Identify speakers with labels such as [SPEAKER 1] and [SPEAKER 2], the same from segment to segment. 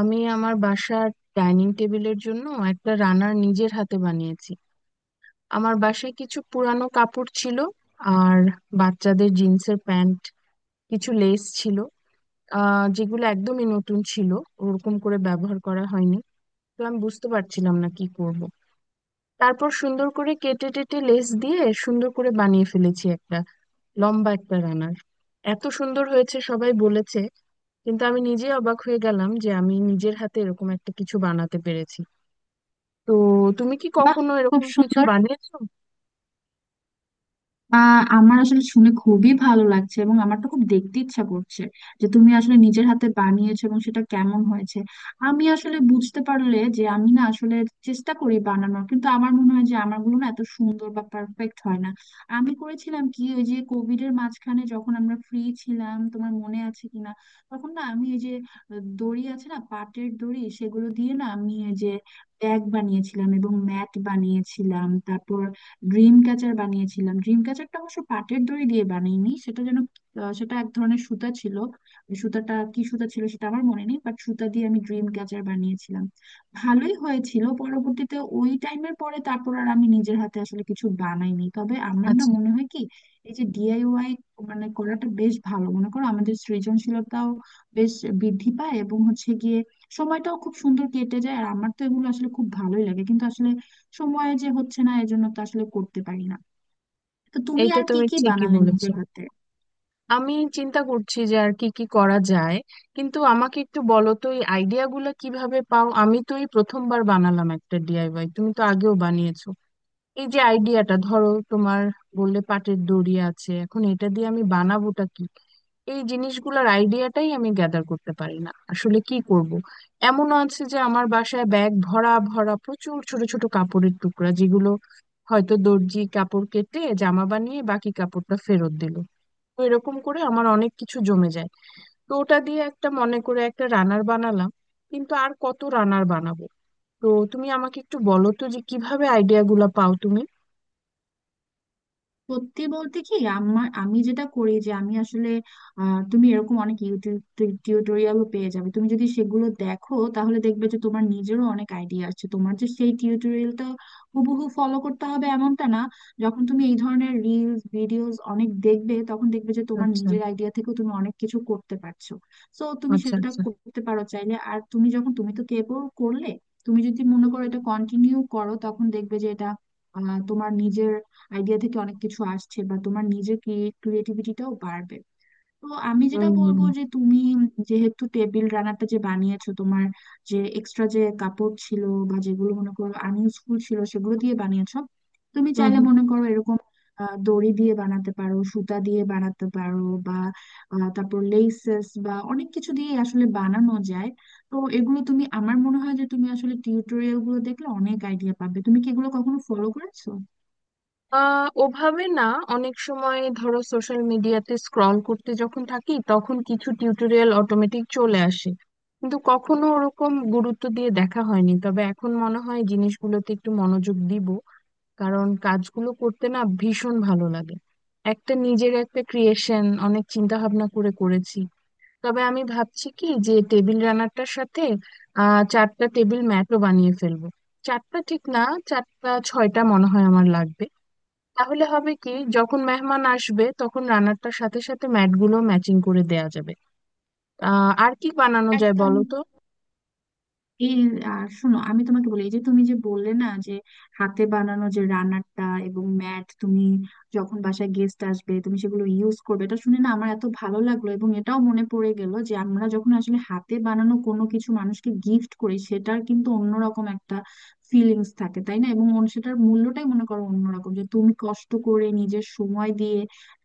[SPEAKER 1] আমি আমার বাসার ডাইনিং টেবিলের জন্য একটা রানার নিজের হাতে বানিয়েছি। আমার বাসায় কিছু পুরানো কাপড় ছিল, আর বাচ্চাদের জিন্সের প্যান্ট, কিছু লেস ছিল যেগুলো একদমই নতুন ছিল, ওরকম করে ব্যবহার করা হয়নি। তো আমি বুঝতে পারছিলাম না কি করব। তারপর সুন্দর করে কেটে টেটে লেস দিয়ে সুন্দর করে বানিয়ে ফেলেছি একটা লম্বা একটা রানার। এত সুন্দর হয়েছে, সবাই বলেছে। কিন্তু আমি নিজে অবাক হয়ে গেলাম যে আমি নিজের হাতে এরকম একটা কিছু বানাতে পেরেছি। তো তুমি কি
[SPEAKER 2] বাহ,
[SPEAKER 1] কখনো
[SPEAKER 2] খুব
[SPEAKER 1] এরকম কিছু
[SPEAKER 2] সুন্দর।
[SPEAKER 1] বানিয়েছো?
[SPEAKER 2] আমার আসলে শুনে খুবই ভালো লাগছে, এবং আমার তো খুব দেখতে ইচ্ছা করছে যে তুমি আসলে নিজের হাতে বানিয়েছো এবং সেটা কেমন হয়েছে। আমি আসলে বুঝতে পারলে যে আমি না আসলে চেষ্টা করি বানানোর, কিন্তু আমার মনে হয় যে আমারগুলো না এত সুন্দর বা পারফেক্ট হয় না। আমি করেছিলাম কি, ওই যে কোভিড এর মাঝখানে যখন আমরা ফ্রি ছিলাম, তোমার মনে আছে কিনা, তখন না আমি এই যে দড়ি আছে না পাটের দড়ি, সেগুলো দিয়ে না আমি এই যে ব্যাগ বানিয়েছিলাম এবং ম্যাট বানিয়েছিলাম, তারপর ড্রিম ক্যাচার বানিয়েছিলাম। ড্রিম ক্যাচারটা অবশ্য পাটের দড়ি দিয়ে বানাইনি, সেটা যেন সেটা এক ধরনের সুতা ছিল। ওই সুতাটা কি সুতা ছিল সেটা আমার মনে নেই, বাট সুতা দিয়ে আমি ড্রিম ক্যাচার বানিয়েছিলাম, ভালোই হয়েছিল। পরবর্তীতে ওই টাইমের পরে তারপর আর আমি নিজের হাতে আসলে কিছু বানাইনি। তবে আমার না
[SPEAKER 1] আচ্ছা,
[SPEAKER 2] মনে হয় কি, এই যে ডিআইওয়াই মানে করাটা বেশ ভালো, মনে করো আমাদের সৃজনশীলতাও বেশ বৃদ্ধি পায়, এবং হচ্ছে গিয়ে সময়টাও খুব সুন্দর কেটে যায়। আর আমার তো এগুলো আসলে খুব ভালোই লাগে, কিন্তু আসলে সময় যে হচ্ছে না, এজন্য তো আসলে করতে পারি না। তো তুমি
[SPEAKER 1] এইটা
[SPEAKER 2] আর কি
[SPEAKER 1] তুমি
[SPEAKER 2] কি
[SPEAKER 1] ঠিকই
[SPEAKER 2] বানালে
[SPEAKER 1] বলেছো।
[SPEAKER 2] নিজের হাতে?
[SPEAKER 1] আমি চিন্তা করছি যে আর কি কি করা যায়, কিন্তু আমাকে একটু বলো তো, এই আইডিয়া গুলা কিভাবে পাও? আমি তো এই প্রথমবার বানালাম একটা ডিআইওয়াই, তুমি তো আগেও বানিয়েছো। এই যে আইডিয়াটা ধরো তোমার, বললে পাটের দড়ি আছে, এখন এটা দিয়ে আমি বানাবোটা কি? এই জিনিসগুলোর আইডিয়াটাই আমি গ্যাদার করতে পারি না, আসলে কি করব। এমনও আছে যে আমার বাসায় ব্যাগ ভরা ভরা প্রচুর ছোট ছোট কাপড়ের টুকরা, যেগুলো হয়তো দর্জি কাপড় কেটে জামা বানিয়ে বাকি কাপড়টা ফেরত দিল। তো এরকম করে আমার অনেক কিছু জমে যায়। তো ওটা দিয়ে একটা মনে করে একটা রানার বানালাম, কিন্তু আর কত রানার বানাবো? তো তুমি আমাকে একটু বলো তো যে কিভাবে আইডিয়া গুলা পাও তুমি।
[SPEAKER 2] সত্যি বলতে কি, আমার আমি যেটা করি যে আমি আসলে তুমি এরকম অনেক ইউটিউব টিউটোরিয়ালও পেয়ে যাবে। তুমি যদি সেগুলো দেখো তাহলে দেখবে যে তোমার নিজেরও অনেক আইডিয়া আছে, তোমার যে সেই টিউটোরিয়ালটা হুবহু ফলো করতে হবে এমনটা না। যখন তুমি এই ধরনের রিলস ভিডিওস অনেক দেখবে, তখন দেখবে যে তোমার
[SPEAKER 1] আচ্ছা,
[SPEAKER 2] নিজের আইডিয়া থেকেও তুমি অনেক কিছু করতে পারছো। সো তুমি
[SPEAKER 1] আচ্ছা
[SPEAKER 2] সেটা
[SPEAKER 1] আচ্ছা।
[SPEAKER 2] করতে পারো চাইলে। আর তুমি যখন, তুমি তো কেবল করলে, তুমি যদি মনে
[SPEAKER 1] হুম
[SPEAKER 2] করো
[SPEAKER 1] হুম।
[SPEAKER 2] এটা কন্টিনিউ করো, তখন দেখবে যে এটা তোমার নিজের আইডিয়া থেকে অনেক কিছু আসছে, বা তোমার নিজের ক্রিয়েটিভিটিটাও বাড়বে। তো আমি যেটা
[SPEAKER 1] হুম হুম।
[SPEAKER 2] বলবো যে তুমি যেহেতু টেবিল রানারটা যে বানিয়েছো তোমার যে এক্সট্রা যে কাপড় ছিল বা যেগুলো মনে করো আনইউজফুল ছিল সেগুলো দিয়ে বানিয়েছো, তুমি
[SPEAKER 1] হুম
[SPEAKER 2] চাইলে
[SPEAKER 1] হুম।
[SPEAKER 2] মনে করো এরকম দড়ি দিয়ে বানাতে পারো, সুতা দিয়ে বানাতে পারো, বা তারপর লেসেস বা অনেক কিছু দিয়ে আসলে বানানো যায়। তো এগুলো তুমি, আমার মনে হয় যে তুমি আসলে টিউটোরিয়াল গুলো দেখলে অনেক আইডিয়া পাবে। তুমি কি এগুলো কখনো ফলো করেছো?
[SPEAKER 1] ওভাবে না, অনেক সময় ধরো সোশ্যাল মিডিয়াতে স্ক্রল করতে যখন থাকি তখন কিছু টিউটোরিয়াল অটোমেটিক চলে আসে, কিন্তু কখনো ওরকম গুরুত্ব দিয়ে দেখা হয়নি। তবে এখন মনে হয় জিনিসগুলোতে একটু মনোযোগ দিব, কারণ কাজগুলো করতে না ভীষণ ভালো লাগে। একটা নিজের একটা ক্রিয়েশন অনেক চিন্তা ভাবনা করে করেছি। তবে আমি ভাবছি কি যে টেবিল রানারটার সাথে চারটা টেবিল ম্যাটও বানিয়ে ফেলবো। চারটা ঠিক না, চারটা ছয়টা মনে হয় আমার লাগবে। তাহলে হবে কি, যখন মেহমান আসবে তখন রানারটার সাথে সাথে ম্যাটগুলো ম্যাচিং করে দেয়া যাবে। আর কি বানানো যায়
[SPEAKER 2] একদম
[SPEAKER 1] বলো তো?
[SPEAKER 2] এই, আর শোনো আমি তোমাকে বলি, এই যে তুমি যে বললে না যে হাতে বানানো যে রান্নাটা এবং ম্যাট তুমি যখন বাসায় গেস্ট আসবে তুমি সেগুলো ইউজ করবে, এটা শুনে না আমার এত ভালো লাগলো। এবং এটাও মনে পড়ে গেল যে আমরা যখন আসলে হাতে বানানো কোনো কিছু মানুষকে গিফট করি, সেটার কিন্তু অন্যরকম একটা ফিলিংস থাকে, তাই না? এবং সেটার মূল্যটাই মনে করো অন্যরকম, যে তুমি কষ্ট করে নিজের সময় দিয়ে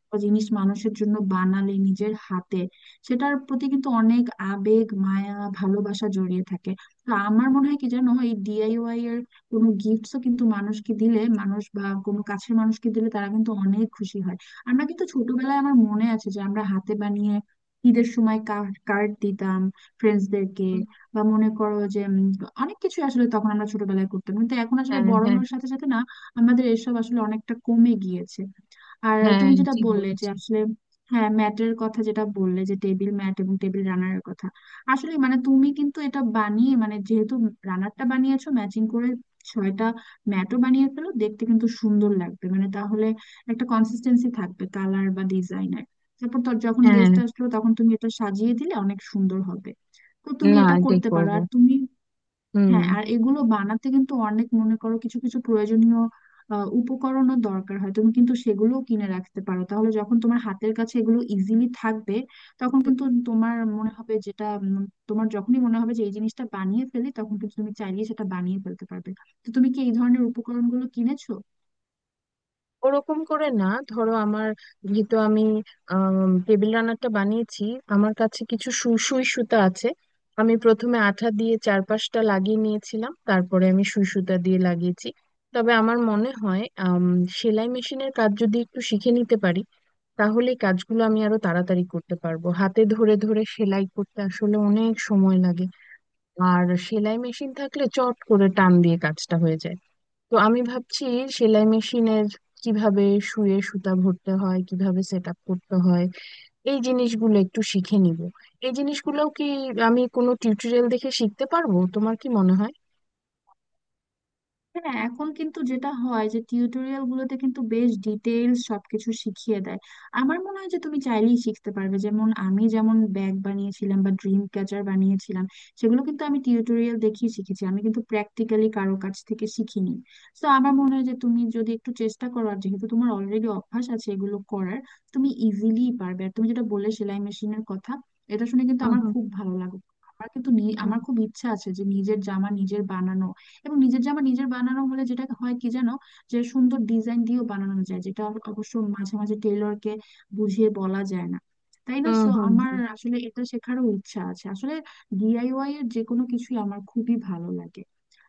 [SPEAKER 2] একটা জিনিস মানুষের জন্য বানালে নিজের হাতে, সেটার প্রতি কিন্তু অনেক আবেগ, মায়া, ভালোবাসা জড়িয়ে থাকে। না, আমার মনে হয় কি জানো, এই ডিআইওয়াই এর কোনো গিফটসও কিন্তু মানুষকে দিলে, মানুষ বা কোনো কাছের মানুষকে দিলে, তারা কিন্তু অনেক খুশি হয়। আমরা কিন্তু ছোটবেলায়, আমার মনে আছে যে আমরা হাতে বানিয়ে ঈদের সময় কার্ড দিতাম ফ্রেন্ডসদেরকে।
[SPEAKER 1] উম,
[SPEAKER 2] বা মনে করো যে অনেক কিছু আসলে তখন আমরা ছোটবেলায় করতাম, কিন্তু এখন আসলে
[SPEAKER 1] হ্যাঁ
[SPEAKER 2] বড়
[SPEAKER 1] হ্যাঁ
[SPEAKER 2] হওয়ার সাথে সাথে না আমাদের এসব আসলে অনেকটা কমে গিয়েছে। আর
[SPEAKER 1] হ্যাঁ,
[SPEAKER 2] তুমি যেটা
[SPEAKER 1] ঠিক
[SPEAKER 2] বললে যে
[SPEAKER 1] বলেছো।
[SPEAKER 2] আসলে, হ্যাঁ, ম্যাটের কথা যেটা বললে যে টেবিল ম্যাট এবং টেবিল রানারের কথা, আসলে মানে তুমি কিন্তু এটা বানিয়ে, মানে যেহেতু রানারটা বানিয়েছো, ম্যাচিং করে ছয়টা ম্যাটও বানিয়ে ফেলো, দেখতে কিন্তু সুন্দর লাগবে। মানে তাহলে একটা কনসিস্টেন্সি থাকবে কালার বা ডিজাইনের। তারপর তোর যখন
[SPEAKER 1] হ্যাঁ,
[SPEAKER 2] গেস্ট আসলো তখন তুমি এটা সাজিয়ে দিলে অনেক সুন্দর হবে। তো তুমি
[SPEAKER 1] না
[SPEAKER 2] এটা
[SPEAKER 1] এটাই
[SPEAKER 2] করতে পারো।
[SPEAKER 1] করবো।
[SPEAKER 2] আর তুমি, হ্যাঁ,
[SPEAKER 1] হুম।
[SPEAKER 2] আর এগুলো বানাতে কিন্তু অনেক, মনে করো, কিছু কিছু প্রয়োজনীয় উপকরণও দরকার হয়, তুমি কিন্তু সেগুলোও কিনে রাখতে পারো, তাহলে যখন তোমার হাতের কাছে এগুলো ইজিলি থাকবে তখন কিন্তু তোমার মনে হবে, যেটা তোমার যখনই মনে হবে যে এই জিনিসটা বানিয়ে ফেলি, তখন কিন্তু তুমি চাইলেই সেটা বানিয়ে ফেলতে পারবে। তো তুমি কি এই ধরনের উপকরণগুলো কিনেছো?
[SPEAKER 1] ওরকম করে না, ধরো আমার, যেহেতু আমি টেবিল রানারটা বানিয়েছি, আমার কাছে কিছু সুই সুই সুতা আছে। আমি প্রথমে আঠা দিয়ে চারপাশটা লাগিয়ে নিয়েছিলাম, তারপরে আমি সুই সুতা দিয়ে লাগিয়েছি। তবে আমার মনে হয় সেলাই মেশিনের কাজ যদি একটু শিখে নিতে পারি, তাহলে এই কাজগুলো আমি আরো তাড়াতাড়ি করতে পারবো। হাতে ধরে ধরে সেলাই করতে আসলে অনেক সময় লাগে, আর সেলাই মেশিন থাকলে চট করে টান দিয়ে কাজটা হয়ে যায়। তো আমি ভাবছি সেলাই মেশিনের কিভাবে শুয়ে সুতা ভরতে হয়, কিভাবে সেট আপ করতে হয়, এই জিনিসগুলো একটু শিখে নিব। এই জিনিসগুলোও কি আমি কোনো টিউটোরিয়াল দেখে শিখতে পারবো, তোমার কি মনে হয়?
[SPEAKER 2] হ্যাঁ, এখন কিন্তু যেটা হয় যে টিউটোরিয়াল গুলোতে কিন্তু বেশ ডিটেইলস সবকিছু শিখিয়ে দেয়। আমার মনে হয় যে তুমি চাইলেই শিখতে পারবে। যেমন আমি, যেমন ব্যাগ বানিয়েছিলাম বা ড্রিম ক্যাচার বানিয়েছিলাম, সেগুলো কিন্তু আমি টিউটোরিয়াল দেখেই শিখেছি, আমি কিন্তু প্র্যাকটিক্যালি কারো কাছ থেকে শিখিনি। তো আমার মনে হয় যে তুমি যদি একটু চেষ্টা করো, আর যেহেতু তোমার অলরেডি অভ্যাস আছে এগুলো করার, তুমি ইজিলি পারবে। আর তুমি যেটা বললে সেলাই মেশিনের কথা, এটা শুনে কিন্তু
[SPEAKER 1] হুম
[SPEAKER 2] আমার
[SPEAKER 1] হুম।
[SPEAKER 2] খুব ভালো লাগলো। আমার কিন্তু
[SPEAKER 1] হুম
[SPEAKER 2] আমার খুব ইচ্ছা আছে যে নিজের জামা নিজের বানানো, এবং নিজের জামা নিজের বানানো হলে যেটা হয় কি জানো, যে সুন্দর ডিজাইন দিয়েও বানানো যায়, যেটা আবার অবশ্য মাঝে মাঝে টেলরকে বুঝিয়ে বলা যায় না, তাই না?
[SPEAKER 1] হুম।
[SPEAKER 2] সো
[SPEAKER 1] হুম
[SPEAKER 2] আমার আসলে এটা শেখারও ইচ্ছা আছে আসলে। ডিআইওয়াই এর যে কোনো কিছুই আমার খুবই ভালো লাগে।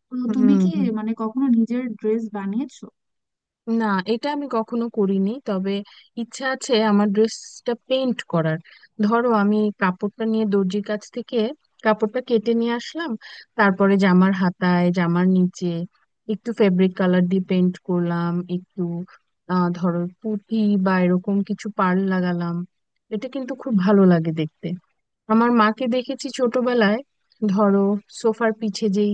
[SPEAKER 2] তো
[SPEAKER 1] হুম।
[SPEAKER 2] তুমি
[SPEAKER 1] হুম
[SPEAKER 2] কি
[SPEAKER 1] হুম।
[SPEAKER 2] মানে কখনো নিজের ড্রেস বানিয়েছো?
[SPEAKER 1] না, এটা আমি কখনো করিনি। তবে ইচ্ছা আছে আমার ড্রেসটা পেইন্ট করার। ধরো আমি কাপড়টা নিয়ে দর্জির কাছ থেকে কাপড়টা কেটে নিয়ে আসলাম, তারপরে জামার হাতায় জামার নিচে একটু ফেব্রিক কালার দিয়ে পেইন্ট করলাম একটু, ধরো পুঁতি বা এরকম কিছু পাড় লাগালাম। এটা কিন্তু খুব ভালো লাগে দেখতে। আমার মাকে দেখেছি ছোটবেলায়, ধরো সোফার পিছে যেই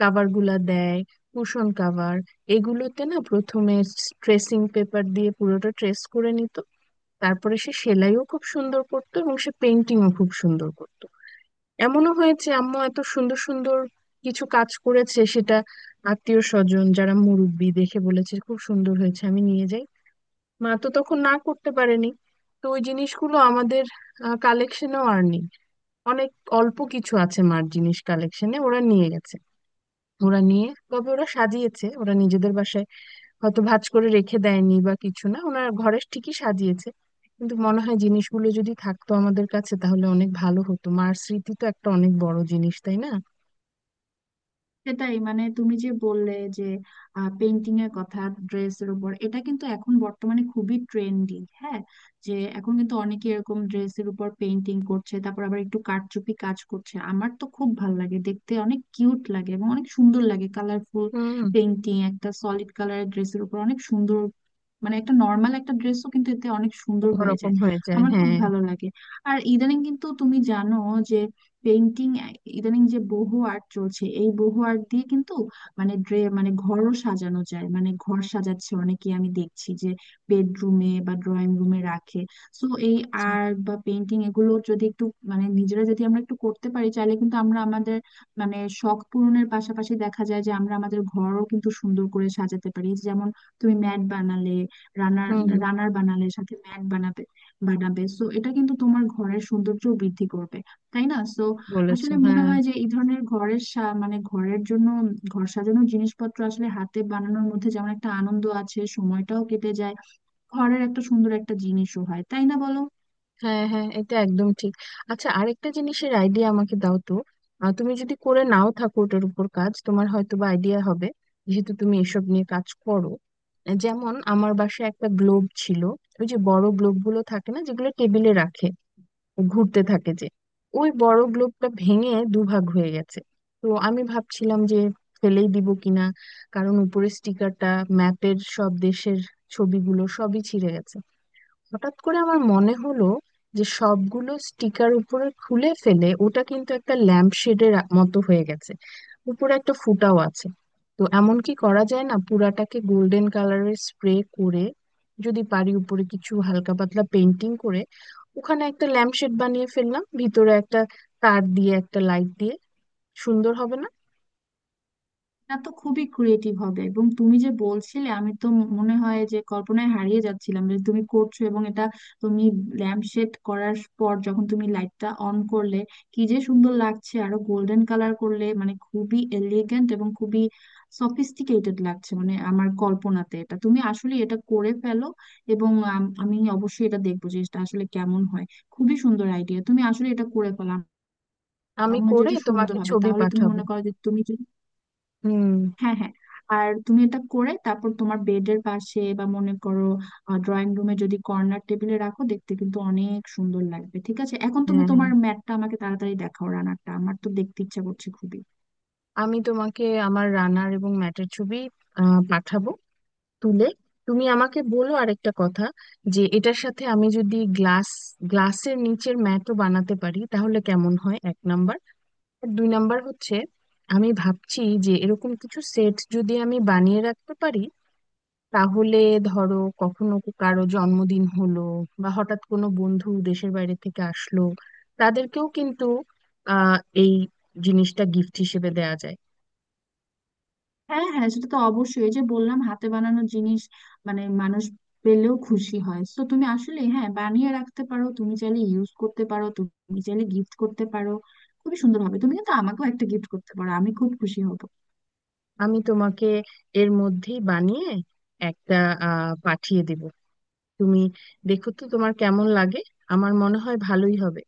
[SPEAKER 1] কাভার গুলা দেয়, কুশন কাভার, এগুলোতে না প্রথমে ট্রেসিং পেপার দিয়ে পুরোটা ট্রেস করে নিত। তারপরে সে সেলাইও খুব সুন্দর করতো, এবং সে পেন্টিংও খুব সুন্দর করতো। এমনও হয়েছে আম্মু এত সুন্দর সুন্দর কিছু কাজ করেছে, সেটা আত্মীয় স্বজন যারা মুরব্বি দেখে বলেছে খুব সুন্দর হয়েছে আমি নিয়ে যাই, মা তো তখন না করতে পারেনি। তো ওই জিনিসগুলো আমাদের কালেকশনেও আর নেই। অনেক অল্প কিছু আছে, মার জিনিস কালেকশনে ওরা নিয়ে গেছে। ওরা নিয়ে তবে ওরা সাজিয়েছে ওরা নিজেদের বাসায়, হয়তো ভাঁজ করে রেখে দেয়নি বা কিছু না, ওনার ঘরে ঠিকই সাজিয়েছে। কিন্তু মনে হয় জিনিসগুলো যদি থাকতো আমাদের কাছে তাহলে অনেক ভালো হতো, মার স্মৃতি তো একটা অনেক বড় জিনিস, তাই না?
[SPEAKER 2] সেটাই, মানে তুমি যে বললে যে পেন্টিং এর কথা ড্রেসের উপর, এটা কিন্তু এখন বর্তমানে খুবই ট্রেন্ডি, হ্যাঁ। যে এখন কিন্তু অনেকে এরকম ড্রেসের উপর পেন্টিং করছে, তারপর আবার একটু কারচুপি কাজ করছে। আমার তো খুব ভালো লাগে দেখতে, অনেক কিউট লাগে এবং অনেক সুন্দর লাগে। কালারফুল
[SPEAKER 1] হুম।
[SPEAKER 2] পেন্টিং একটা সলিড কালারের ড্রেসের উপর অনেক সুন্দর, মানে একটা নর্মাল একটা ড্রেসও কিন্তু এতে অনেক সুন্দর হয়ে
[SPEAKER 1] অন্যরকম
[SPEAKER 2] যায়।
[SPEAKER 1] হয়ে যায়,
[SPEAKER 2] আমার খুব
[SPEAKER 1] হ্যাঁ।
[SPEAKER 2] ভালো লাগে। আর ইদানিং কিন্তু তুমি জানো, পেইন্টিং, ইদানিং যে বহু আর্ট চলছে, এই বহু আর্ট দিয়ে কিন্তু মানে মানে ঘরও সাজানো যায়, মানে ঘর সাজাচ্ছে অনেকে, আমি দেখছি যে বেডরুমে বা ড্রয়িং রুমে রাখে। সো এই
[SPEAKER 1] আচ্ছা।
[SPEAKER 2] আর্ট বা পেইন্টিং এগুলো যদি একটু, মানে নিজেরা যদি আমরা একটু করতে পারি চাইলে, কিন্তু আমরা আমাদের মানে শখ পূরণের পাশাপাশি দেখা যায় যে আমরা আমাদের ঘরও কিন্তু সুন্দর করে সাজাতে পারি। যেমন তুমি ম্যাট বানালে, রানার,
[SPEAKER 1] হুম।
[SPEAKER 2] রানার বানালে, সাথে ম্যাট বানাবে, বানাবে, সো এটা কিন্তু তোমার ঘরের সৌন্দর্য বৃদ্ধি করবে, তাই না? সো
[SPEAKER 1] বলেছো,
[SPEAKER 2] আসলে মনে
[SPEAKER 1] হ্যাঁ
[SPEAKER 2] হয় যে এই ধরনের ঘরের মানে ঘরের জন্য ঘর সাজানোর জিনিসপত্র আসলে হাতে বানানোর মধ্যে যেমন একটা আনন্দ আছে, সময়টাও কেটে যায়, ঘরের একটা সুন্দর একটা জিনিসও হয়, তাই না, বলো?
[SPEAKER 1] হ্যাঁ। হ্যাঁ, এটা একদম ঠিক। আচ্ছা, আরেকটা জিনিসের আইডিয়া আমাকে দাও তো। তুমি যদি করে নাও থাকো ওটার উপর কাজ, তোমার হয়তো বা আইডিয়া হবে, যেহেতু তুমি এসব নিয়ে কাজ করো। যেমন আমার বাসায় একটা গ্লোব ছিল। ওই যে বড় গ্লোব গুলো থাকে না, যেগুলো টেবিলে রাখে, ঘুরতে থাকে যে, ওই বড় গ্লোবটা ভেঙে দুভাগ হয়ে গেছে। তো আমি ভাবছিলাম যে ফেলেই দিব কিনা, কারণ উপরে স্টিকারটা, ম্যাপের সব দেশের ছবিগুলো সবই ছিঁড়ে গেছে। হঠাৎ করে আমার মনে হলো যে সবগুলো স্টিকার উপরে খুলে ফেলে ওটা কিন্তু একটা ল্যাম্প শেডের মতো হয়ে গেছে, উপরে একটা ফুটাও আছে। তো এমন কি করা যায় না, পুরাটাকে গোল্ডেন কালারের স্প্রে করে, যদি পারি উপরে কিছু হালকা পাতলা পেন্টিং করে, ওখানে একটা ল্যাম্প শেড বানিয়ে ফেললাম, ভিতরে একটা তার দিয়ে একটা লাইট দিয়ে। সুন্দর হবে না?
[SPEAKER 2] এটা তো খুবই ক্রিয়েটিভ হবে। এবং তুমি যে বলছিলে, আমি তো মনে হয় যে কল্পনায় হারিয়ে যাচ্ছিলাম যে তুমি করছো এবং এটা তুমি ল্যাম্প শেড করার পর যখন তুমি লাইটটা অন করলে, কি যে সুন্দর লাগছে! আরো গোল্ডেন কালার করলে মানে খুবই এলিগেন্ট এবং খুবই সফিস্টিকেটেড লাগছে, মানে আমার কল্পনাতে। এটা তুমি আসলে এটা করে ফেলো, এবং আমি অবশ্যই এটা দেখবো যে এটা আসলে কেমন হয়। খুবই সুন্দর আইডিয়া, তুমি আসলে এটা করে ফেলো।
[SPEAKER 1] আমি
[SPEAKER 2] আমার মনে হয় যে
[SPEAKER 1] করে
[SPEAKER 2] এটা সুন্দর
[SPEAKER 1] তোমাকে
[SPEAKER 2] হবে।
[SPEAKER 1] ছবি
[SPEAKER 2] তাহলে তুমি
[SPEAKER 1] পাঠাবো।
[SPEAKER 2] মনে করো যে তুমি,
[SPEAKER 1] হুম।
[SPEAKER 2] হ্যাঁ হ্যাঁ, আর তুমি এটা করে তারপর তোমার বেডের পাশে, বা মনে করো ড্রয়িং রুমে যদি কর্নার টেবিলে রাখো, দেখতে কিন্তু অনেক সুন্দর লাগবে। ঠিক আছে, এখন তুমি
[SPEAKER 1] হ্যাঁ হ্যাঁ।
[SPEAKER 2] তোমার ম্যাটটা আমাকে তাড়াতাড়ি দেখাও, রানারটা, আমার তো দেখতে ইচ্ছা করছে খুবই।
[SPEAKER 1] আমি তোমাকে আমার রানার এবং ম্যাটের ছবি পাঠাবো তুলে। তুমি আমাকে বলো আরেকটা কথা, যে এটার সাথে আমি যদি গ্লাস, গ্লাসের নিচের ম্যাটও বানাতে পারি তাহলে কেমন হয়, এক নাম্বার। আর দুই নাম্বার হচ্ছে, আমি ভাবছি যে এরকম কিছু সেট যদি আমি বানিয়ে রাখতে পারি, তাহলে, ধরো, কখনো কারো জন্মদিন হলো বা হঠাৎ কোনো বন্ধু দেশের বাইরে থেকে আসলো, তাদেরকেও কিন্তু আহ এই জিনিসটা গিফট হিসেবে দেওয়া যায়।
[SPEAKER 2] হ্যাঁ হ্যাঁ, সেটা তো অবশ্যই, এই যে বললাম হাতে বানানো জিনিস মানে মানুষ পেলেও খুশি হয়। তো তুমি আসলে, হ্যাঁ, বানিয়ে রাখতে পারো, তুমি চাইলে ইউজ করতে পারো, তুমি চাইলে গিফট করতে পারো, খুবই সুন্দর হবে। তুমি কিন্তু আমাকেও একটা গিফট করতে পারো, আমি খুব খুশি হব।
[SPEAKER 1] আমি তোমাকে এর মধ্যেই বানিয়ে একটা পাঠিয়ে দেব। তুমি দেখো তো তোমার কেমন লাগে, আমার মনে হয় ভালোই হবে।